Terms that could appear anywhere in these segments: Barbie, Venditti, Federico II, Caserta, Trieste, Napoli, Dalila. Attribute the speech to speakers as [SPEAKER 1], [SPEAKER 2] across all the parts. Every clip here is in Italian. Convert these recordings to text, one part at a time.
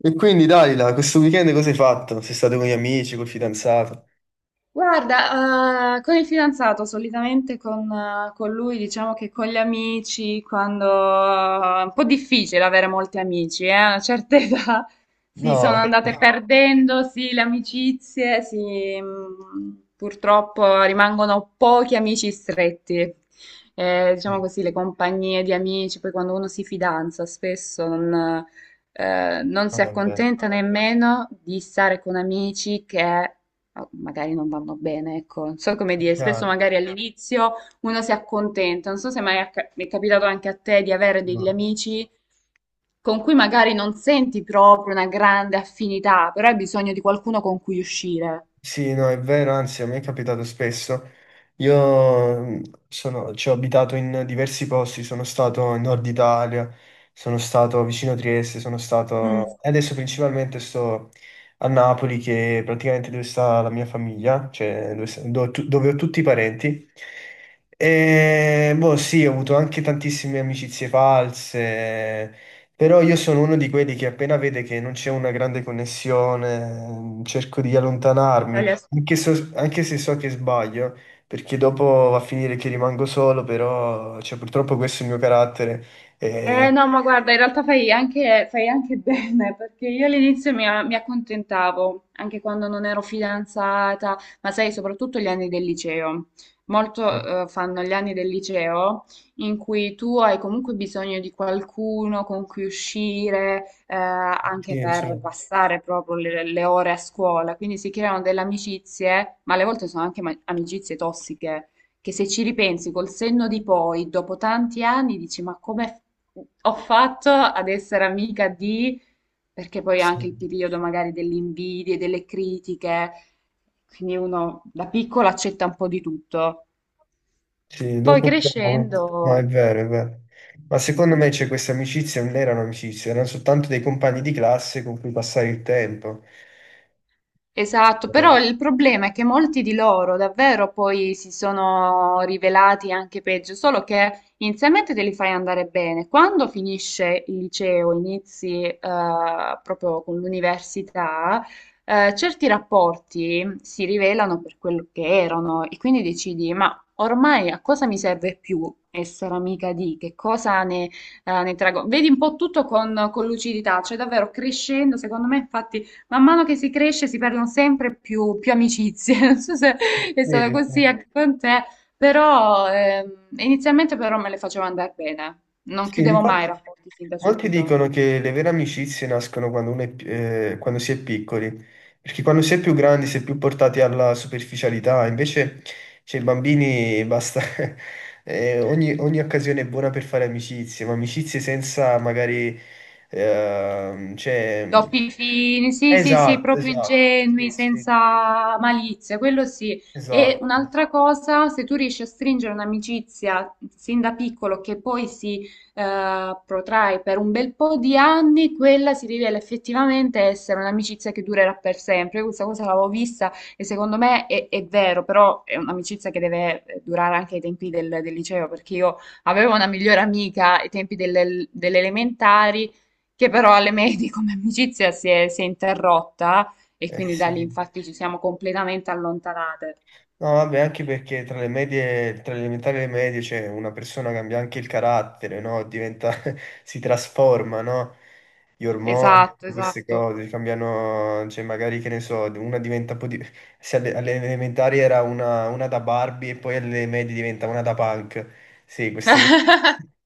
[SPEAKER 1] E quindi Dalila, questo weekend cosa hai fatto? Sei stato con gli amici, col fidanzato?
[SPEAKER 2] Guarda, con il fidanzato, solitamente con lui, diciamo che con gli amici, quando è un po' difficile avere molti amici, a una certa età si sono
[SPEAKER 1] No.
[SPEAKER 2] andate, no, perdendo, sì, le amicizie, sì, purtroppo rimangono pochi amici stretti.
[SPEAKER 1] Eh,
[SPEAKER 2] Diciamo così, le compagnie di amici, poi quando uno si fidanza spesso non
[SPEAKER 1] no,
[SPEAKER 2] si
[SPEAKER 1] vabbè,
[SPEAKER 2] accontenta nemmeno di stare con amici che oh, magari non vanno bene, ecco. Non so come dire, spesso
[SPEAKER 1] chiaro,
[SPEAKER 2] magari all'inizio uno si accontenta, non so se mai mi è capitato anche a te di avere degli
[SPEAKER 1] no.
[SPEAKER 2] amici con cui magari non senti proprio una grande affinità, però hai bisogno di qualcuno con cui uscire.
[SPEAKER 1] Sì, no, è vero, anzi, a me è capitato spesso. Io ci ho abitato in diversi posti, sono stato in Nord Italia, sono stato vicino a Trieste, sono
[SPEAKER 2] Mm.
[SPEAKER 1] stato... e adesso principalmente sto a Napoli, che è praticamente dove sta la mia famiglia, cioè dove, dove ho tutti i parenti. E boh, sì, ho avuto anche tantissime amicizie false, però io sono uno di quelli che appena vede che non c'è una grande connessione, cerco di allontanarmi, anche, anche se so che sbaglio, perché dopo va a finire che rimango solo, però cioè, purtroppo questo è il mio carattere. e-
[SPEAKER 2] Eh no, ma guarda, in realtà fai anche bene, perché io all'inizio mi accontentavo, anche quando non ero fidanzata, ma sai, soprattutto gli anni del liceo.
[SPEAKER 1] eh,
[SPEAKER 2] Molto, fanno gli anni del liceo in cui tu hai comunque bisogno di qualcuno con cui uscire, anche
[SPEAKER 1] sì,
[SPEAKER 2] per
[SPEAKER 1] cioè,
[SPEAKER 2] passare proprio le ore a scuola. Quindi si creano delle amicizie, ma alle volte sono anche amicizie tossiche che se ci ripensi col senno di poi, dopo tanti anni, dici: ma come ho fatto ad essere amica di. Perché poi
[SPEAKER 1] sì,
[SPEAKER 2] anche il periodo magari delle invidie, delle critiche, quindi uno da piccolo accetta un po' di tutto.
[SPEAKER 1] sì,
[SPEAKER 2] Poi
[SPEAKER 1] dopo un po'... No, è
[SPEAKER 2] crescendo.
[SPEAKER 1] vero, è vero. Ma secondo me c'è queste amicizie, non erano amicizie, erano soltanto dei compagni di classe con cui passare il tempo.
[SPEAKER 2] Esatto,
[SPEAKER 1] Eh,
[SPEAKER 2] però il problema è che molti di loro davvero poi si sono rivelati anche peggio, solo che inizialmente te li fai andare bene. Quando finisce il liceo, inizi proprio con l'università, certi rapporti si rivelano per quello che erano e quindi decidi, ma ormai a cosa mi serve più essere amica di, che cosa ne traggo? Vedi un po' tutto con lucidità, cioè davvero crescendo, secondo me infatti man mano che si cresce si perdono sempre più amicizie. Non so se è
[SPEAKER 1] sì,
[SPEAKER 2] stata così
[SPEAKER 1] sì.
[SPEAKER 2] anche con te, però inizialmente però me le facevo andare bene. Non
[SPEAKER 1] Sì,
[SPEAKER 2] chiudevo mai i
[SPEAKER 1] infatti...
[SPEAKER 2] rapporti sin da
[SPEAKER 1] Molti
[SPEAKER 2] subito.
[SPEAKER 1] dicono che le vere amicizie nascono quando, quando si è piccoli, perché quando si è più grandi si è più portati alla superficialità, invece cioè, i bambini basta, ogni, ogni occasione è buona per fare amicizie, ma amicizie senza magari... cioè...
[SPEAKER 2] Doppi fini, sì, sì, sì,
[SPEAKER 1] Esatto,
[SPEAKER 2] proprio
[SPEAKER 1] esatto, sì,
[SPEAKER 2] ingenui,
[SPEAKER 1] sì,
[SPEAKER 2] senza malizia, quello sì. E
[SPEAKER 1] esatto,
[SPEAKER 2] un'altra cosa, se tu riesci a stringere un'amicizia sin da piccolo che poi si protrae per un bel po' di anni, quella si rivela effettivamente essere un'amicizia che durerà per sempre. Io questa cosa l'avevo vista e secondo me è vero, però è un'amicizia che deve durare anche ai tempi del liceo, perché io avevo una migliore amica ai tempi delle elementari che però alle medie come amicizia si è interrotta e quindi da lì
[SPEAKER 1] sì.
[SPEAKER 2] infatti ci siamo completamente allontanate.
[SPEAKER 1] No, vabbè, anche perché tra le medie, tra le elementari e le medie, cioè, una persona cambia anche il carattere, no? Diventa, si trasforma, no? Gli ormoni,
[SPEAKER 2] Esatto,
[SPEAKER 1] queste
[SPEAKER 2] esatto.
[SPEAKER 1] cose cambiano, cioè, magari che ne so, una diventa un po' di... Se alle elementari era una da Barbie e poi alle medie diventa una da punk. Sì, queste cose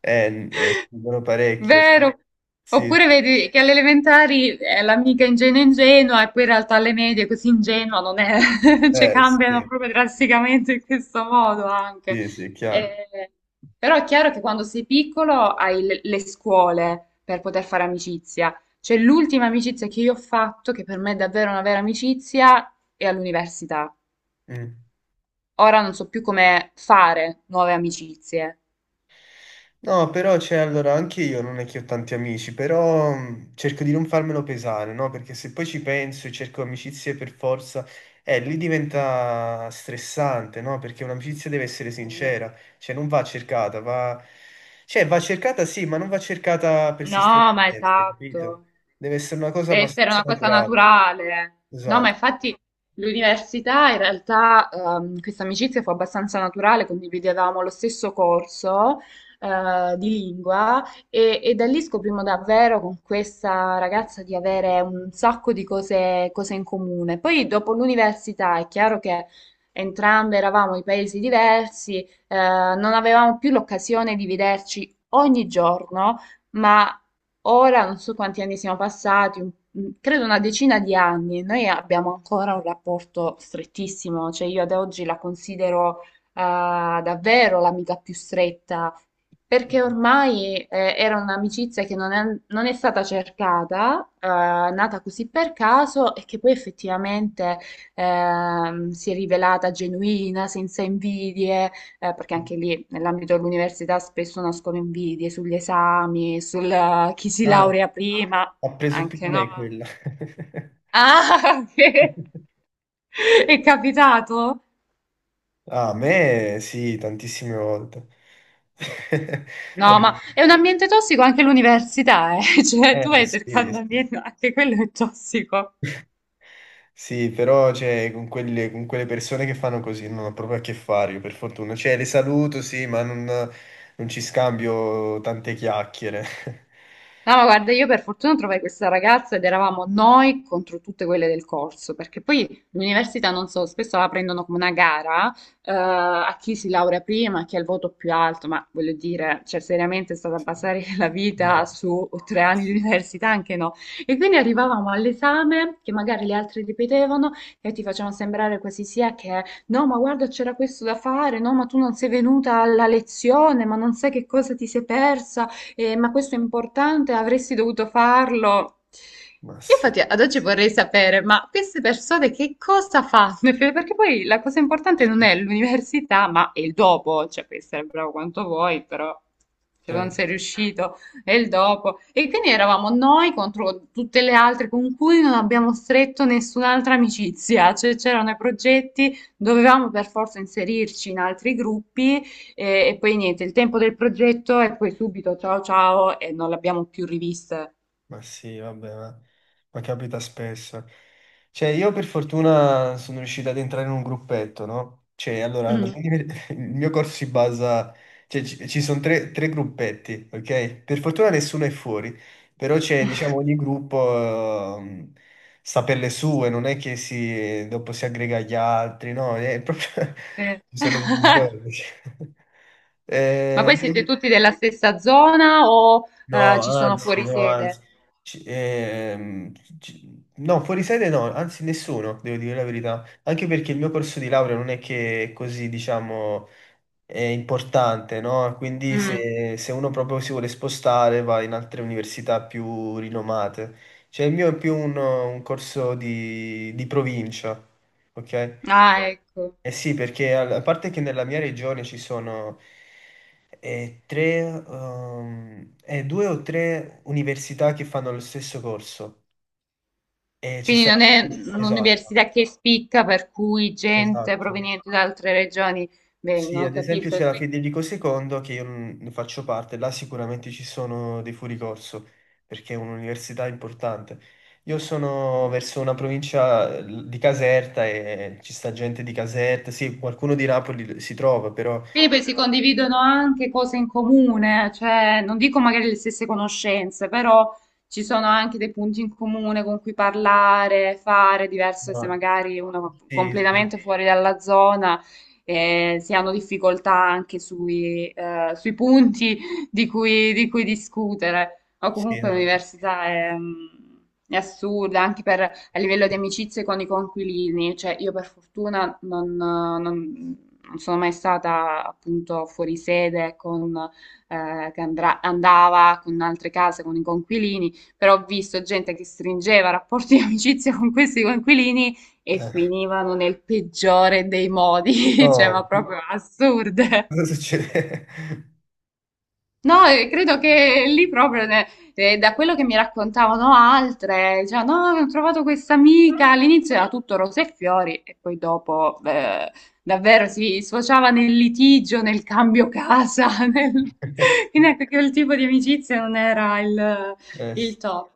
[SPEAKER 1] sono parecchio. Cioè.
[SPEAKER 2] Vero.
[SPEAKER 1] Sì,
[SPEAKER 2] Oppure
[SPEAKER 1] sì,
[SPEAKER 2] vedi che alle elementari è l'amica ingenua ingenua e poi in realtà alle medie così ingenua non è, cioè cambiano
[SPEAKER 1] sì,
[SPEAKER 2] proprio drasticamente in questo modo anche.
[SPEAKER 1] sì, sì, è chiaro.
[SPEAKER 2] Eh, Però è chiaro che quando sei piccolo hai le scuole per poter fare amicizia. Cioè l'ultima amicizia che io ho fatto, che per me è davvero una vera amicizia, è all'università.
[SPEAKER 1] Mm.
[SPEAKER 2] Ora non so più come fare nuove amicizie.
[SPEAKER 1] No, però c'è allora anche io non è che ho tanti amici, però cerco di non farmelo pesare, no? Perché se poi ci penso e cerco amicizie per forza, lì diventa stressante, no? Perché un'amicizia deve essere sincera, cioè non va cercata, va... cioè va cercata sì, ma non va cercata
[SPEAKER 2] No, ma
[SPEAKER 1] persistentemente, capito?
[SPEAKER 2] esatto.
[SPEAKER 1] Deve essere una cosa
[SPEAKER 2] Deve essere
[SPEAKER 1] abbastanza
[SPEAKER 2] una cosa
[SPEAKER 1] naturale,
[SPEAKER 2] naturale. No, ma
[SPEAKER 1] esatto.
[SPEAKER 2] infatti l'università in realtà questa amicizia fu abbastanza naturale, condividevamo lo stesso corso di lingua e da lì scoprimo davvero con questa ragazza di avere un sacco di cose in comune. Poi dopo l'università è chiaro che entrambe eravamo in paesi diversi, non avevamo più l'occasione di vederci ogni giorno, ma ora non so quanti anni siano passati, credo una decina di anni. Noi abbiamo ancora un rapporto strettissimo, cioè io ad oggi la considero eh, davvero l'amica più stretta, perché ormai era un'amicizia che non è stata cercata, nata così per caso e che poi effettivamente si è rivelata genuina, senza invidie, perché anche lì nell'ambito dell'università spesso nascono invidie sugli esami, sul chi si
[SPEAKER 1] Ah,
[SPEAKER 2] laurea prima,
[SPEAKER 1] ha preso più di
[SPEAKER 2] anche
[SPEAKER 1] me
[SPEAKER 2] no.
[SPEAKER 1] quella.
[SPEAKER 2] Ah, ok. È capitato?
[SPEAKER 1] Ah, a me sì, tantissime volte.
[SPEAKER 2] No, ma
[SPEAKER 1] Vabbè,
[SPEAKER 2] è un ambiente tossico anche l'università, eh. Cioè, tu vai
[SPEAKER 1] sì,
[SPEAKER 2] cercando
[SPEAKER 1] sì.
[SPEAKER 2] ambiente, anche quello è tossico.
[SPEAKER 1] Sì, però cioè, con quelle persone che fanno così non ho proprio a che fare, io per fortuna. Cioè, le saluto, sì, ma non, non ci scambio tante chiacchiere.
[SPEAKER 2] No, ma guarda, io per fortuna trovai questa ragazza ed eravamo noi contro tutte quelle del corso, perché poi l'università, non so, spesso la prendono come una gara, a chi si laurea prima, a chi ha il voto più alto, ma voglio dire, cioè seriamente è stata basare la vita
[SPEAKER 1] No,
[SPEAKER 2] su tre
[SPEAKER 1] ma
[SPEAKER 2] anni di
[SPEAKER 1] s-
[SPEAKER 2] università, anche no. E quindi arrivavamo all'esame, che magari le altre ripetevano, e ti facevano sembrare quasi sia che, no, ma guarda, c'era questo da fare, no, ma tu non sei venuta alla lezione, ma non sai che cosa ti sei persa, ma questo è importante, avresti dovuto farlo.
[SPEAKER 1] ma
[SPEAKER 2] Io
[SPEAKER 1] sì.
[SPEAKER 2] infatti ad oggi vorrei sapere, ma queste persone che cosa fanno? Perché poi la cosa importante non è l'università, ma è il dopo, cioè puoi essere bravo quanto vuoi, però se non
[SPEAKER 1] Certo.
[SPEAKER 2] sei riuscito è il dopo. E quindi eravamo noi contro tutte le altre con cui non abbiamo stretto nessun'altra amicizia, cioè c'erano i progetti, dovevamo per forza inserirci in altri gruppi e poi niente, il tempo del progetto e poi subito ciao ciao e non l'abbiamo più rivista.
[SPEAKER 1] Ma sì, vabbè, ma capita spesso. Cioè, io per fortuna sono riuscito ad entrare in un gruppetto, no? Cioè, allora,
[SPEAKER 2] Mm.
[SPEAKER 1] il mio corso si basa... Cioè, ci sono tre gruppetti, ok? Per fortuna nessuno è fuori, però c'è, diciamo, ogni gruppo sta per le sue, non è che si, dopo si aggrega agli altri, no? È proprio...
[SPEAKER 2] Eh.
[SPEAKER 1] Ci sono divisioni.
[SPEAKER 2] Ma
[SPEAKER 1] Eh,
[SPEAKER 2] poi siete
[SPEAKER 1] voi-
[SPEAKER 2] tutti della stessa zona o
[SPEAKER 1] No,
[SPEAKER 2] ci sono
[SPEAKER 1] anzi,
[SPEAKER 2] fuori
[SPEAKER 1] no,
[SPEAKER 2] sede?
[SPEAKER 1] anzi. Ci- ehm, no, fuori sede no, anzi nessuno, devo dire la verità. Anche perché il mio corso di laurea non è che è così, diciamo, è importante, no? Quindi
[SPEAKER 2] Mm.
[SPEAKER 1] se uno proprio si vuole spostare va in altre università più rinomate. Cioè il mio è più un corso di provincia, ok?
[SPEAKER 2] Ah, ecco.
[SPEAKER 1] Eh sì, perché a parte che nella mia regione ci sono eh, tre, 2 o 3 università che fanno lo stesso corso. E ci
[SPEAKER 2] Quindi
[SPEAKER 1] sarà...
[SPEAKER 2] non è
[SPEAKER 1] Esatto,
[SPEAKER 2] un'università che spicca per cui gente
[SPEAKER 1] esatto.
[SPEAKER 2] proveniente da altre regioni. Beh,
[SPEAKER 1] Sì,
[SPEAKER 2] non
[SPEAKER 1] ad esempio
[SPEAKER 2] capisco.
[SPEAKER 1] c'è la Federico II, che io non ne faccio parte, là sicuramente ci sono dei fuoricorso, perché è un'università importante. Io sono verso
[SPEAKER 2] Qui-
[SPEAKER 1] una provincia di Caserta e ci sta gente di Caserta, sì, qualcuno di Napoli si trova, però...
[SPEAKER 2] Quindi poi si condividono anche cose in comune, cioè non dico magari le stesse conoscenze, però ci sono anche dei punti in comune con cui parlare, fare, diverso se
[SPEAKER 1] no.
[SPEAKER 2] magari uno
[SPEAKER 1] Sì, sì,
[SPEAKER 2] completamente fuori dalla zona, si hanno difficoltà anche sui punti di cui discutere. O
[SPEAKER 1] sì,
[SPEAKER 2] comunque
[SPEAKER 1] no, no.
[SPEAKER 2] l'università è assurda anche per a livello di amicizie con i coinquilini, cioè io per fortuna non sono mai stata appunto fuori sede con, che andava con altre case, con i coinquilini, però ho visto gente che stringeva rapporti di amicizia con questi coinquilini e
[SPEAKER 1] Eh,
[SPEAKER 2] finivano nel peggiore dei modi, cioè ma
[SPEAKER 1] no,
[SPEAKER 2] proprio assurde.
[SPEAKER 1] cosa succede?
[SPEAKER 2] No, credo che lì proprio, da quello che mi raccontavano altre, cioè, no, ho trovato questa amica, all'inizio era tutto rose e fiori e poi dopo davvero si sfociava nel litigio, nel cambio casa, nel... quindi ecco che il tipo di amicizia non era il, il
[SPEAKER 1] Sì,
[SPEAKER 2] top.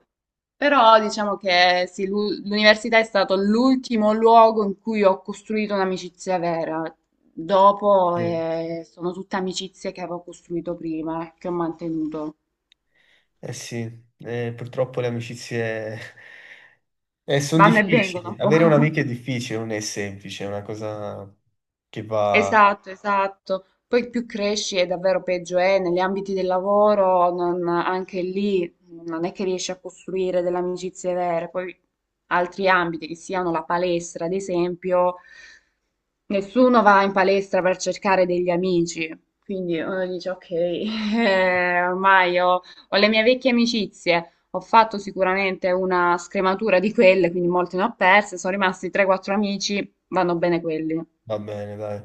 [SPEAKER 2] Però diciamo che sì, l'università è stato l'ultimo luogo in cui ho costruito un'amicizia vera. Dopo
[SPEAKER 1] sì.
[SPEAKER 2] sono tutte amicizie che avevo costruito prima, che ho mantenuto.
[SPEAKER 1] Eh, sì. Purtroppo le amicizie sono
[SPEAKER 2] Vanno e vengono
[SPEAKER 1] difficili.
[SPEAKER 2] un po'.
[SPEAKER 1] Avere un'amica è difficile, non è semplice, è una cosa che va,
[SPEAKER 2] Esatto, esatto. Poi più cresci e davvero peggio è negli ambiti del lavoro, anche lì non è che riesci a costruire delle amicizie vere. Poi altri ambiti, che siano la palestra, ad esempio, nessuno va in palestra per cercare degli amici. Quindi uno dice, ok, ormai ho le mie vecchie amicizie, ho fatto sicuramente una scrematura di quelle, quindi molte ne ho perse, sono rimasti 3-4 amici, vanno bene quelli.
[SPEAKER 1] va bene, dai.